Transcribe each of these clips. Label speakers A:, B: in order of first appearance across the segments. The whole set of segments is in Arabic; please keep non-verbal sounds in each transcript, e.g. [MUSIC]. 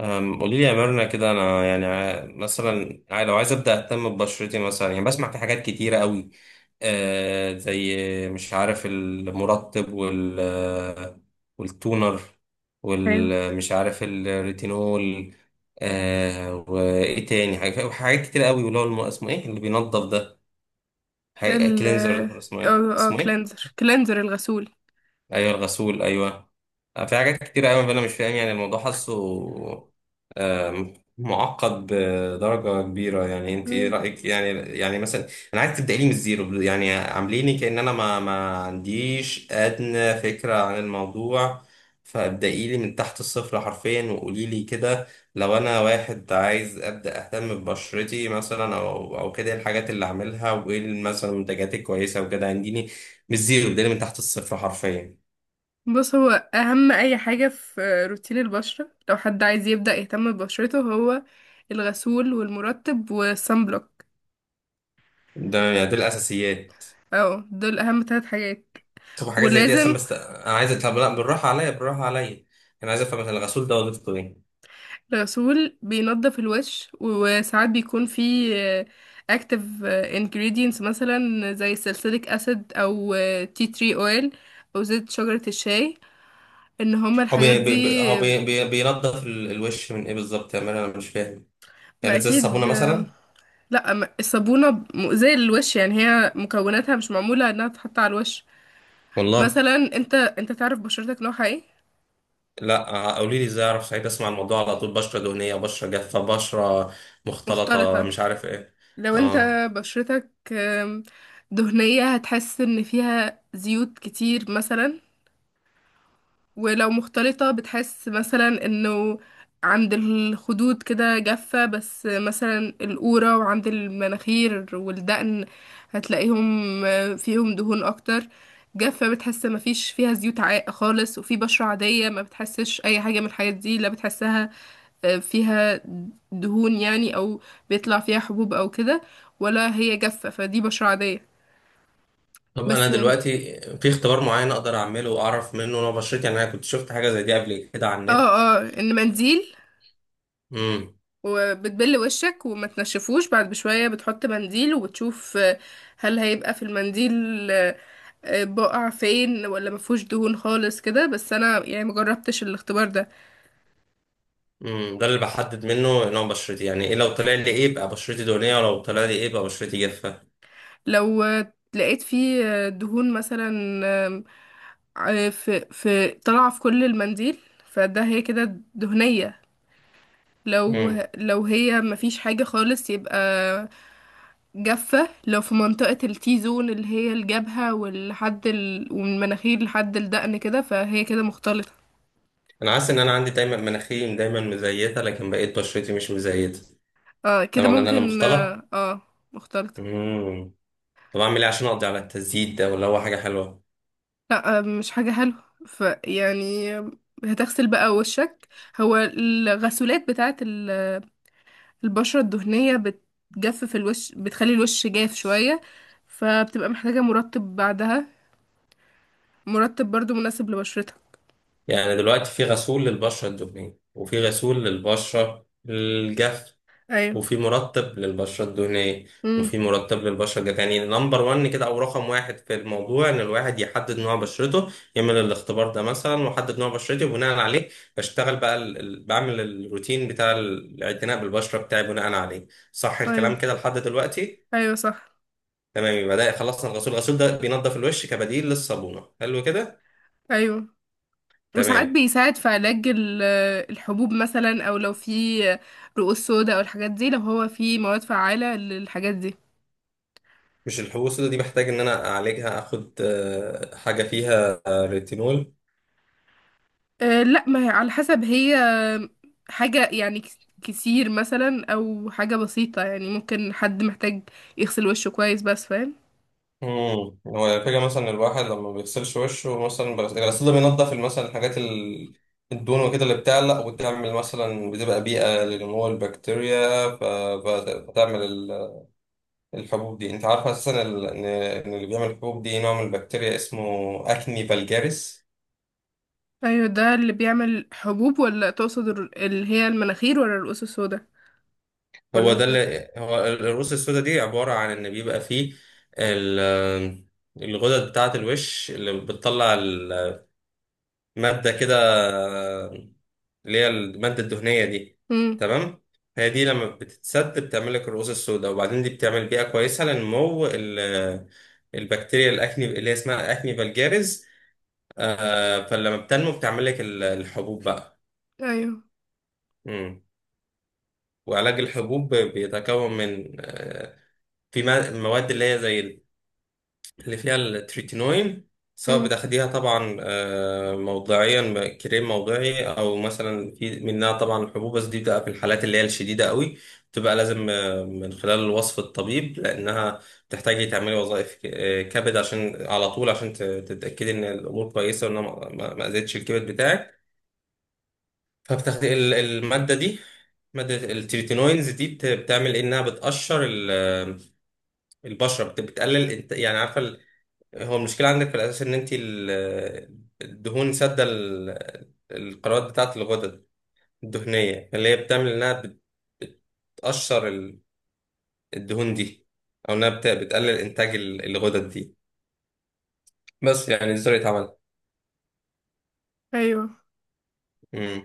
A: قولي لي يا ميرنا كده، انا يعني مثلا لو عايز ابدا اهتم ببشرتي، مثلا يعني بسمع في حاجات كتيره قوي. آه، زي مش عارف المرطب وال آه، والتونر
B: ايوه.
A: والمش عارف الريتينول. آه، وايه تاني حاجات، كتير قوي، واللي هو اسمه ايه اللي بينظف ده،
B: ال اه
A: كلينزر. اسمه ايه
B: اه
A: اسمه ايه
B: كلينزر كلينزر الغسول.
A: ايوه، الغسول، ايوه. في حاجات كتير قوي انا مش فاهم يعني الموضوع، حاسه معقد بدرجه كبيره. يعني انت ايه
B: مم.
A: رايك؟ يعني، يعني مثلا انا عايز تبداي لي من الزيرو، يعني عامليني كأن انا ما عنديش ادنى فكره عن الموضوع، فابدأي لي من تحت الصفر حرفيا. وقولي لي كده، لو انا واحد عايز ابدا اهتم ببشرتي مثلا، او كده، إيه الحاجات اللي اعملها؟ وايه مثلا المنتجات الكويسه وكده؟ عنديني من الزيرو، ابدأي لي من تحت الصفر حرفيا.
B: بص، هو اهم اي حاجة في روتين البشرة لو حد عايز يبدأ يهتم ببشرته، هو الغسول والمرطب والصن بلوك.
A: ده يعني دي الاساسيات.
B: اه، دول اهم ثلاث حاجات
A: طب حاجات زي دي اصلا،
B: ولازم.
A: بس انا عايز، طب لا، بالراحه عليا، بالراحه عليا. انا عايز افهم مثلا الغسول ده وظيفته ايه.
B: الغسول بينضف الوش، وساعات بيكون فيه اكتف ingredients مثلا زي سلسليك اسيد او تي تري اويل او زيت شجرة الشاي، ان هما
A: هو
B: الحاجات
A: بي... بي... بي...
B: دي.
A: هو بي... بي... بينضف الوش من ايه بالظبط يا مان؟ انا مش فاهم.
B: ما
A: يعني زي الصابونه
B: اكيد.
A: مثلا؟
B: لا، أما الصابونة مؤذية للوش يعني، هي مكوناتها مش معمولة انها تتحط على الوش.
A: والله.
B: مثلا، انت تعرف بشرتك نوعها ايه؟
A: لا، قولي لي ازاي اعرف، سعيد اسمع الموضوع على طول، بشره دهنيه، بشره جافه، بشره مختلطه،
B: مختلطة.
A: مش عارف ايه.
B: لو انت
A: اه.
B: بشرتك دهنية، هتحس ان فيها زيوت كتير مثلا. ولو مختلطة بتحس مثلا انه عند الخدود كده جافة، بس مثلا القورة وعند المناخير والدقن هتلاقيهم فيهم دهون اكتر. جافة، بتحس مفيش فيها زيوت عاق خالص. وفي بشرة عادية ما بتحسش اي حاجة من الحاجات دي، لا بتحسها فيها دهون يعني، او بيطلع فيها حبوب او كده، ولا هي جافة. فدي بشرة عادية.
A: طب انا
B: بس،
A: دلوقتي في اختبار معين اقدر اعمله واعرف منه نوع بشرتي؟ يعني انا كنت شفت حاجه زي دي قبل كده على
B: اه ان منديل،
A: النت.
B: وبتبل وشك وما تنشفوش، بعد بشوية بتحط منديل وبتشوف هل هيبقى في المنديل بقع فين ولا مفهوش دهون خالص كده. بس انا يعني مجربتش الاختبار ده.
A: امم، ده اللي بحدد منه نوع بشرتي يعني؟ ايه لو طلع لي ايه يبقى بشرتي دهنيه، ولو طلع لي ايه يبقى بشرتي جافه؟
B: لو لقيت فيه دهون مثلا، آم، في طالعة في كل المنديل، فده هي كده دهنية. لو
A: امم.
B: لو هي مفيش حاجة خالص يبقى جافة. لو في منطقة التي زون اللي هي الجبهة ومن المناخير لحد الدقن كده، فهي كده مختلطة.
A: انا حاسس ان انا عندي دايما مناخيري دايما مزيته، لكن بقيت بشرتي مش مزيته.
B: اه
A: ده
B: كده
A: معناه ان انا
B: ممكن،
A: مختلط؟
B: اه, آه. مختلطة.
A: امم. طب اعمل ايه عشان اقضي على التزييت ده؟ ولا هو حاجه حلوه؟
B: لا، مش حاجة حلوة. ف يعني هتغسل بقى وشك. هو الغسولات بتاعت البشرة الدهنية بتجفف الوش، بتخلي الوش جاف شوية، فبتبقى محتاجة مرطب بعدها، مرطب برضو مناسب لبشرتك.
A: يعني دلوقتي في غسول للبشره الدهنيه وفي غسول للبشره الجافه،
B: ايوه.
A: وفي مرتب للبشرة الدهنية وفي
B: امم.
A: مرتب للبشرة الجافة. يعني نمبر وان كده، أو رقم واحد في الموضوع، إن الواحد يحدد نوع بشرته، يعمل الاختبار ده مثلا وأحدد نوع بشرتي، وبناء عليه بشتغل بقى بعمل الروتين بتاع الاعتناء بالبشرة بتاعي بناء عليه. صح
B: ايوه.
A: الكلام كده لحد دلوقتي؟
B: ايوه صح.
A: تمام، يبقى ده خلصنا الغسول. الغسول ده بينضف الوش كبديل للصابونة، حلو كده.
B: ايوه، وساعات
A: تمام.
B: بيساعد في علاج الحبوب مثلا، او لو في رؤوس سودا او الحاجات دي، لو هو في مواد فعالة للحاجات دي.
A: مش الحبوب السوداء دي بحتاج إن أنا أعالجها، أخد حاجة فيها ريتينول؟
B: أه لا، ما هي على حسب. هي حاجة يعني كتير مثلا، او حاجة بسيطة يعني. ممكن حد محتاج يغسل وشه كويس بس، فاهم.
A: امم. هو الفكرة مثلا الواحد لما ما بيغسلش وشه مثلا، الغسيل ده بينضف مثلا الحاجات الدهون وكده، اللي بتعلق وتعمل مثلا، بتبقى بيئة لنمو البكتيريا، فتعمل الحبوب دي. انت عارف اساسا ال... ان إن اللي بيعمل الحبوب دي نوع من البكتيريا اسمه اكني فالجاريس.
B: ايوه ده اللي بيعمل حبوب، ولا تقصد اللي هي المناخير، ولا الرؤوس السودا
A: هو
B: ولا
A: ده
B: الوش.
A: اللي هو الرؤوس السوداء دي، عبارة عن ان بيبقى فيه ال... الغدد بتاعة الوش اللي بتطلع المادة كده، اللي هي المادة الدهنية دي.
B: امم.
A: تمام. هي دي لما بتتسد بتعمل لك الرؤوس السوداء، وبعدين دي بتعمل بيئة كويسة لنمو البكتيريا الأكني، اللي هي اسمها أكني فالجاريز. فلما بتنمو بتعمل لك الحبوب بقى.
B: ايوه.
A: مم. وعلاج الحبوب بيتكون من في مواد اللي هي زي اللي فيها التريتينوين، سواء
B: امم.
A: بتاخديها طبعا موضعيا كريم موضعي، او مثلا في منها طبعا الحبوب، بس دي بتبقى في الحالات اللي هي الشديده قوي. بتبقى لازم من خلال وصف الطبيب، لانها بتحتاجي تعملي وظائف كبد، عشان على طول عشان تتاكدي ان الامور كويسه، وانها ما اذتش الكبد بتاعك. فبتاخدي الماده دي، مادة التريتينوينز دي بتعمل إيه؟ انها بتقشر البشرة، بتقلل، يعني عارفة، هو المشكلة عندك في الأساس إن أنت الدهون سادة القنوات بتاعة الغدد الدهنية، اللي هي بتعمل إنها بتقشر الدهون دي، أو إنها بتقلل إنتاج الغدد دي. بس يعني دي طريقة عملها.
B: ايوه.
A: مم.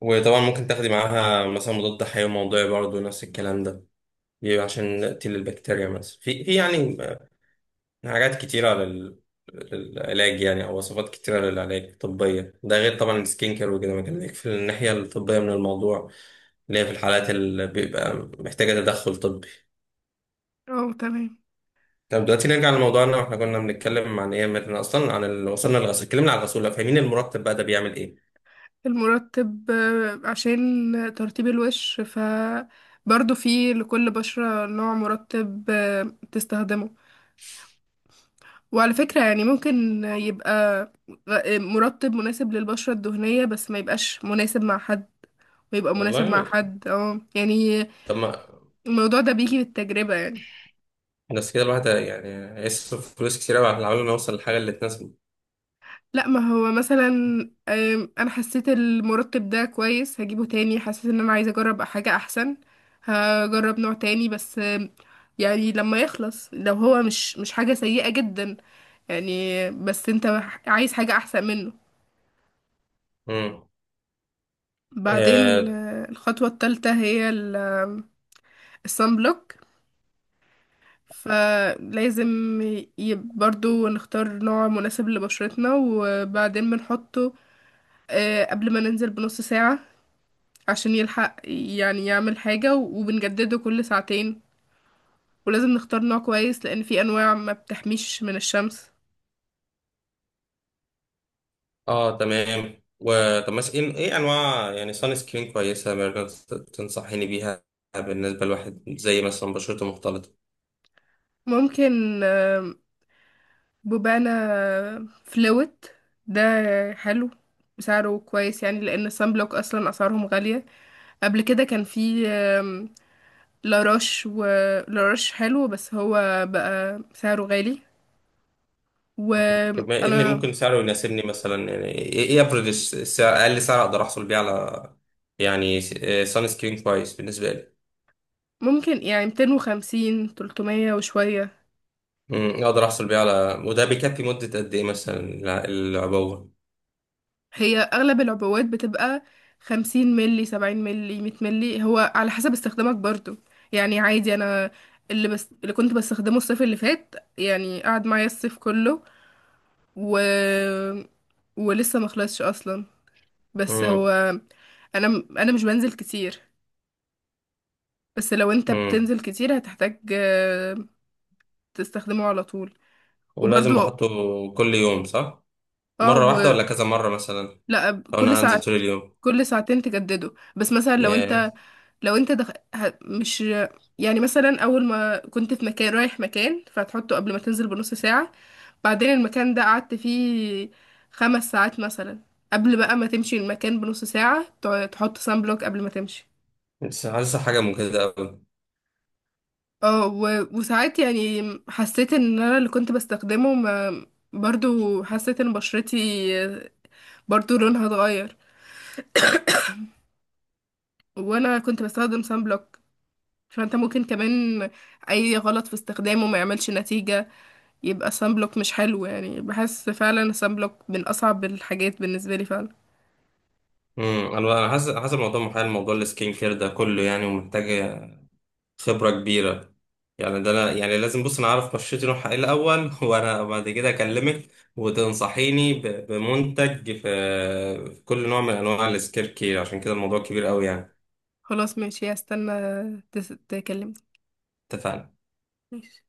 A: وطبعا ممكن تاخدي معاها مثلا مضاد حيوي موضعي، برضه نفس الكلام ده، بيبقى عشان تقتل البكتيريا مثلا. في يعني حاجات كتيرة للعلاج، يعني أو وصفات كتيرة للعلاج الطبية، ده غير طبعا السكين كير وكده، ما كان في الناحية الطبية من الموضوع، اللي هي في الحالات اللي بيبقى محتاجة تدخل طبي.
B: اه، تمام.
A: طب دلوقتي نرجع لموضوعنا. واحنا كنا بنتكلم عن ايه مثلا أصلا؟ عن وصلنا للغسول، اتكلمنا عن الغسول، لو فاهمين. المرتب بقى ده بيعمل ايه؟
B: المرطب عشان ترطيب الوش، ف برضه في لكل بشرة نوع مرطب تستخدمه. وعلى فكرة يعني، ممكن يبقى مرطب مناسب للبشرة الدهنية بس ما يبقاش مناسب مع حد، ويبقى مناسب مع
A: والله.
B: حد. اه يعني
A: طب ما،
B: الموضوع ده بيجي بالتجربة يعني.
A: بس كده الواحد يعني هيصرف فلوس كتير أوي على العمال، ما يوصل للحاجة اللي تناسبه.
B: لا، ما هو مثلا انا حسيت المرطب ده كويس، هجيبه تاني. حسيت ان انا عايزه اجرب حاجه احسن، هجرب نوع تاني. بس يعني لما يخلص لو هو مش حاجه سيئه جدا يعني، بس انت عايز حاجه احسن منه. بعدين
A: امم.
B: الخطوه الثالثه هي الصن بلوك، فلازم برضو نختار نوع مناسب لبشرتنا، وبعدين بنحطه قبل ما ننزل بنص ساعة عشان يلحق يعني يعمل حاجة، وبنجدده كل ساعتين. ولازم نختار نوع كويس، لأن في أنواع ما بتحميش من الشمس.
A: اه تمام. وطب مثلا ايه، إيه انواع يعني سان سكرين كويسه مثلا تنصحيني بيها، بالنسبه لواحد زي مثلا بشرته مختلطه؟
B: ممكن بوبانا فلوت ده حلو، سعره كويس يعني، لأن الصن بلوك أصلا أسعارهم غالية. قبل كده كان في لاروش، و لاروش حلو بس هو بقى سعره غالي.
A: طب ما ايه اللي
B: وأنا،
A: ممكن سعره يناسبني مثلا؟ يعني ايه، ايه افرض السعر، اقل سعر اقدر احصل بيه على يعني سان سكرين كويس بالنسبه لي؟
B: ممكن يعني 250، 300 وشوية.
A: امم، اقدر احصل بيه على، وده بيكفي مده قد ايه مثلا العبوه؟
B: هي اغلب العبوات بتبقى 50 ملي، 70 ملي، 100 ملي. هو على حسب استخدامك برضو يعني. عادي، انا اللي بس اللي كنت بستخدمه الصيف اللي فات يعني قعد معايا الصيف كله، و ولسه ما خلصش اصلا. بس هو،
A: امم.
B: انا مش بنزل كتير، بس لو انت
A: امم.
B: بتنزل كتير هتحتاج تستخدمه على طول.
A: ولازم
B: وبرضو
A: بحطه كل يوم صح؟
B: اه
A: مره واحده ولا كذا مره مثلا
B: لا،
A: لو
B: كل
A: انا هنزل
B: ساعة،
A: طول اليوم؟
B: كل ساعتين تجدده. بس مثلا، لو
A: ياه.
B: انت لو انت مش يعني، مثلا اول ما كنت في مكان رايح مكان، فهتحطه قبل ما تنزل بنص ساعة. بعدين المكان ده قعدت فيه 5 ساعات مثلا، قبل بقى ما تمشي المكان بنص ساعة تحط سان بلوك قبل ما تمشي.
A: بس حاسسها حاجة مجهدة أوي.
B: اه، وساعات يعني حسيت ان انا اللي كنت بستخدمه ما... برضو حسيت ان بشرتي، برضو لونها اتغير وانا كنت بستخدم سان بلوك. فانت ممكن كمان اي غلط في استخدامه ما يعملش نتيجة، يبقى سان بلوك مش حلو. يعني بحس فعلا سان بلوك من اصعب الحاجات بالنسبه لي فعلا.
A: امم. أنا حاسس، حاسس الموضوع محال، موضوع السكين كير ده كله يعني، ومحتاج خبرة كبيرة. يعني ده أنا يعني لازم بص أنا أعرف بشرتي نوعها إيه الأول، [LAUGHS] وأنا بعد كده أكلمك وتنصحيني بمنتج في في كل نوع من أنواع السكين كير. عشان كده الموضوع كبير أوي يعني.
B: خلاص ماشي، هستنى تكلمني.
A: اتفقنا.
B: ماشي.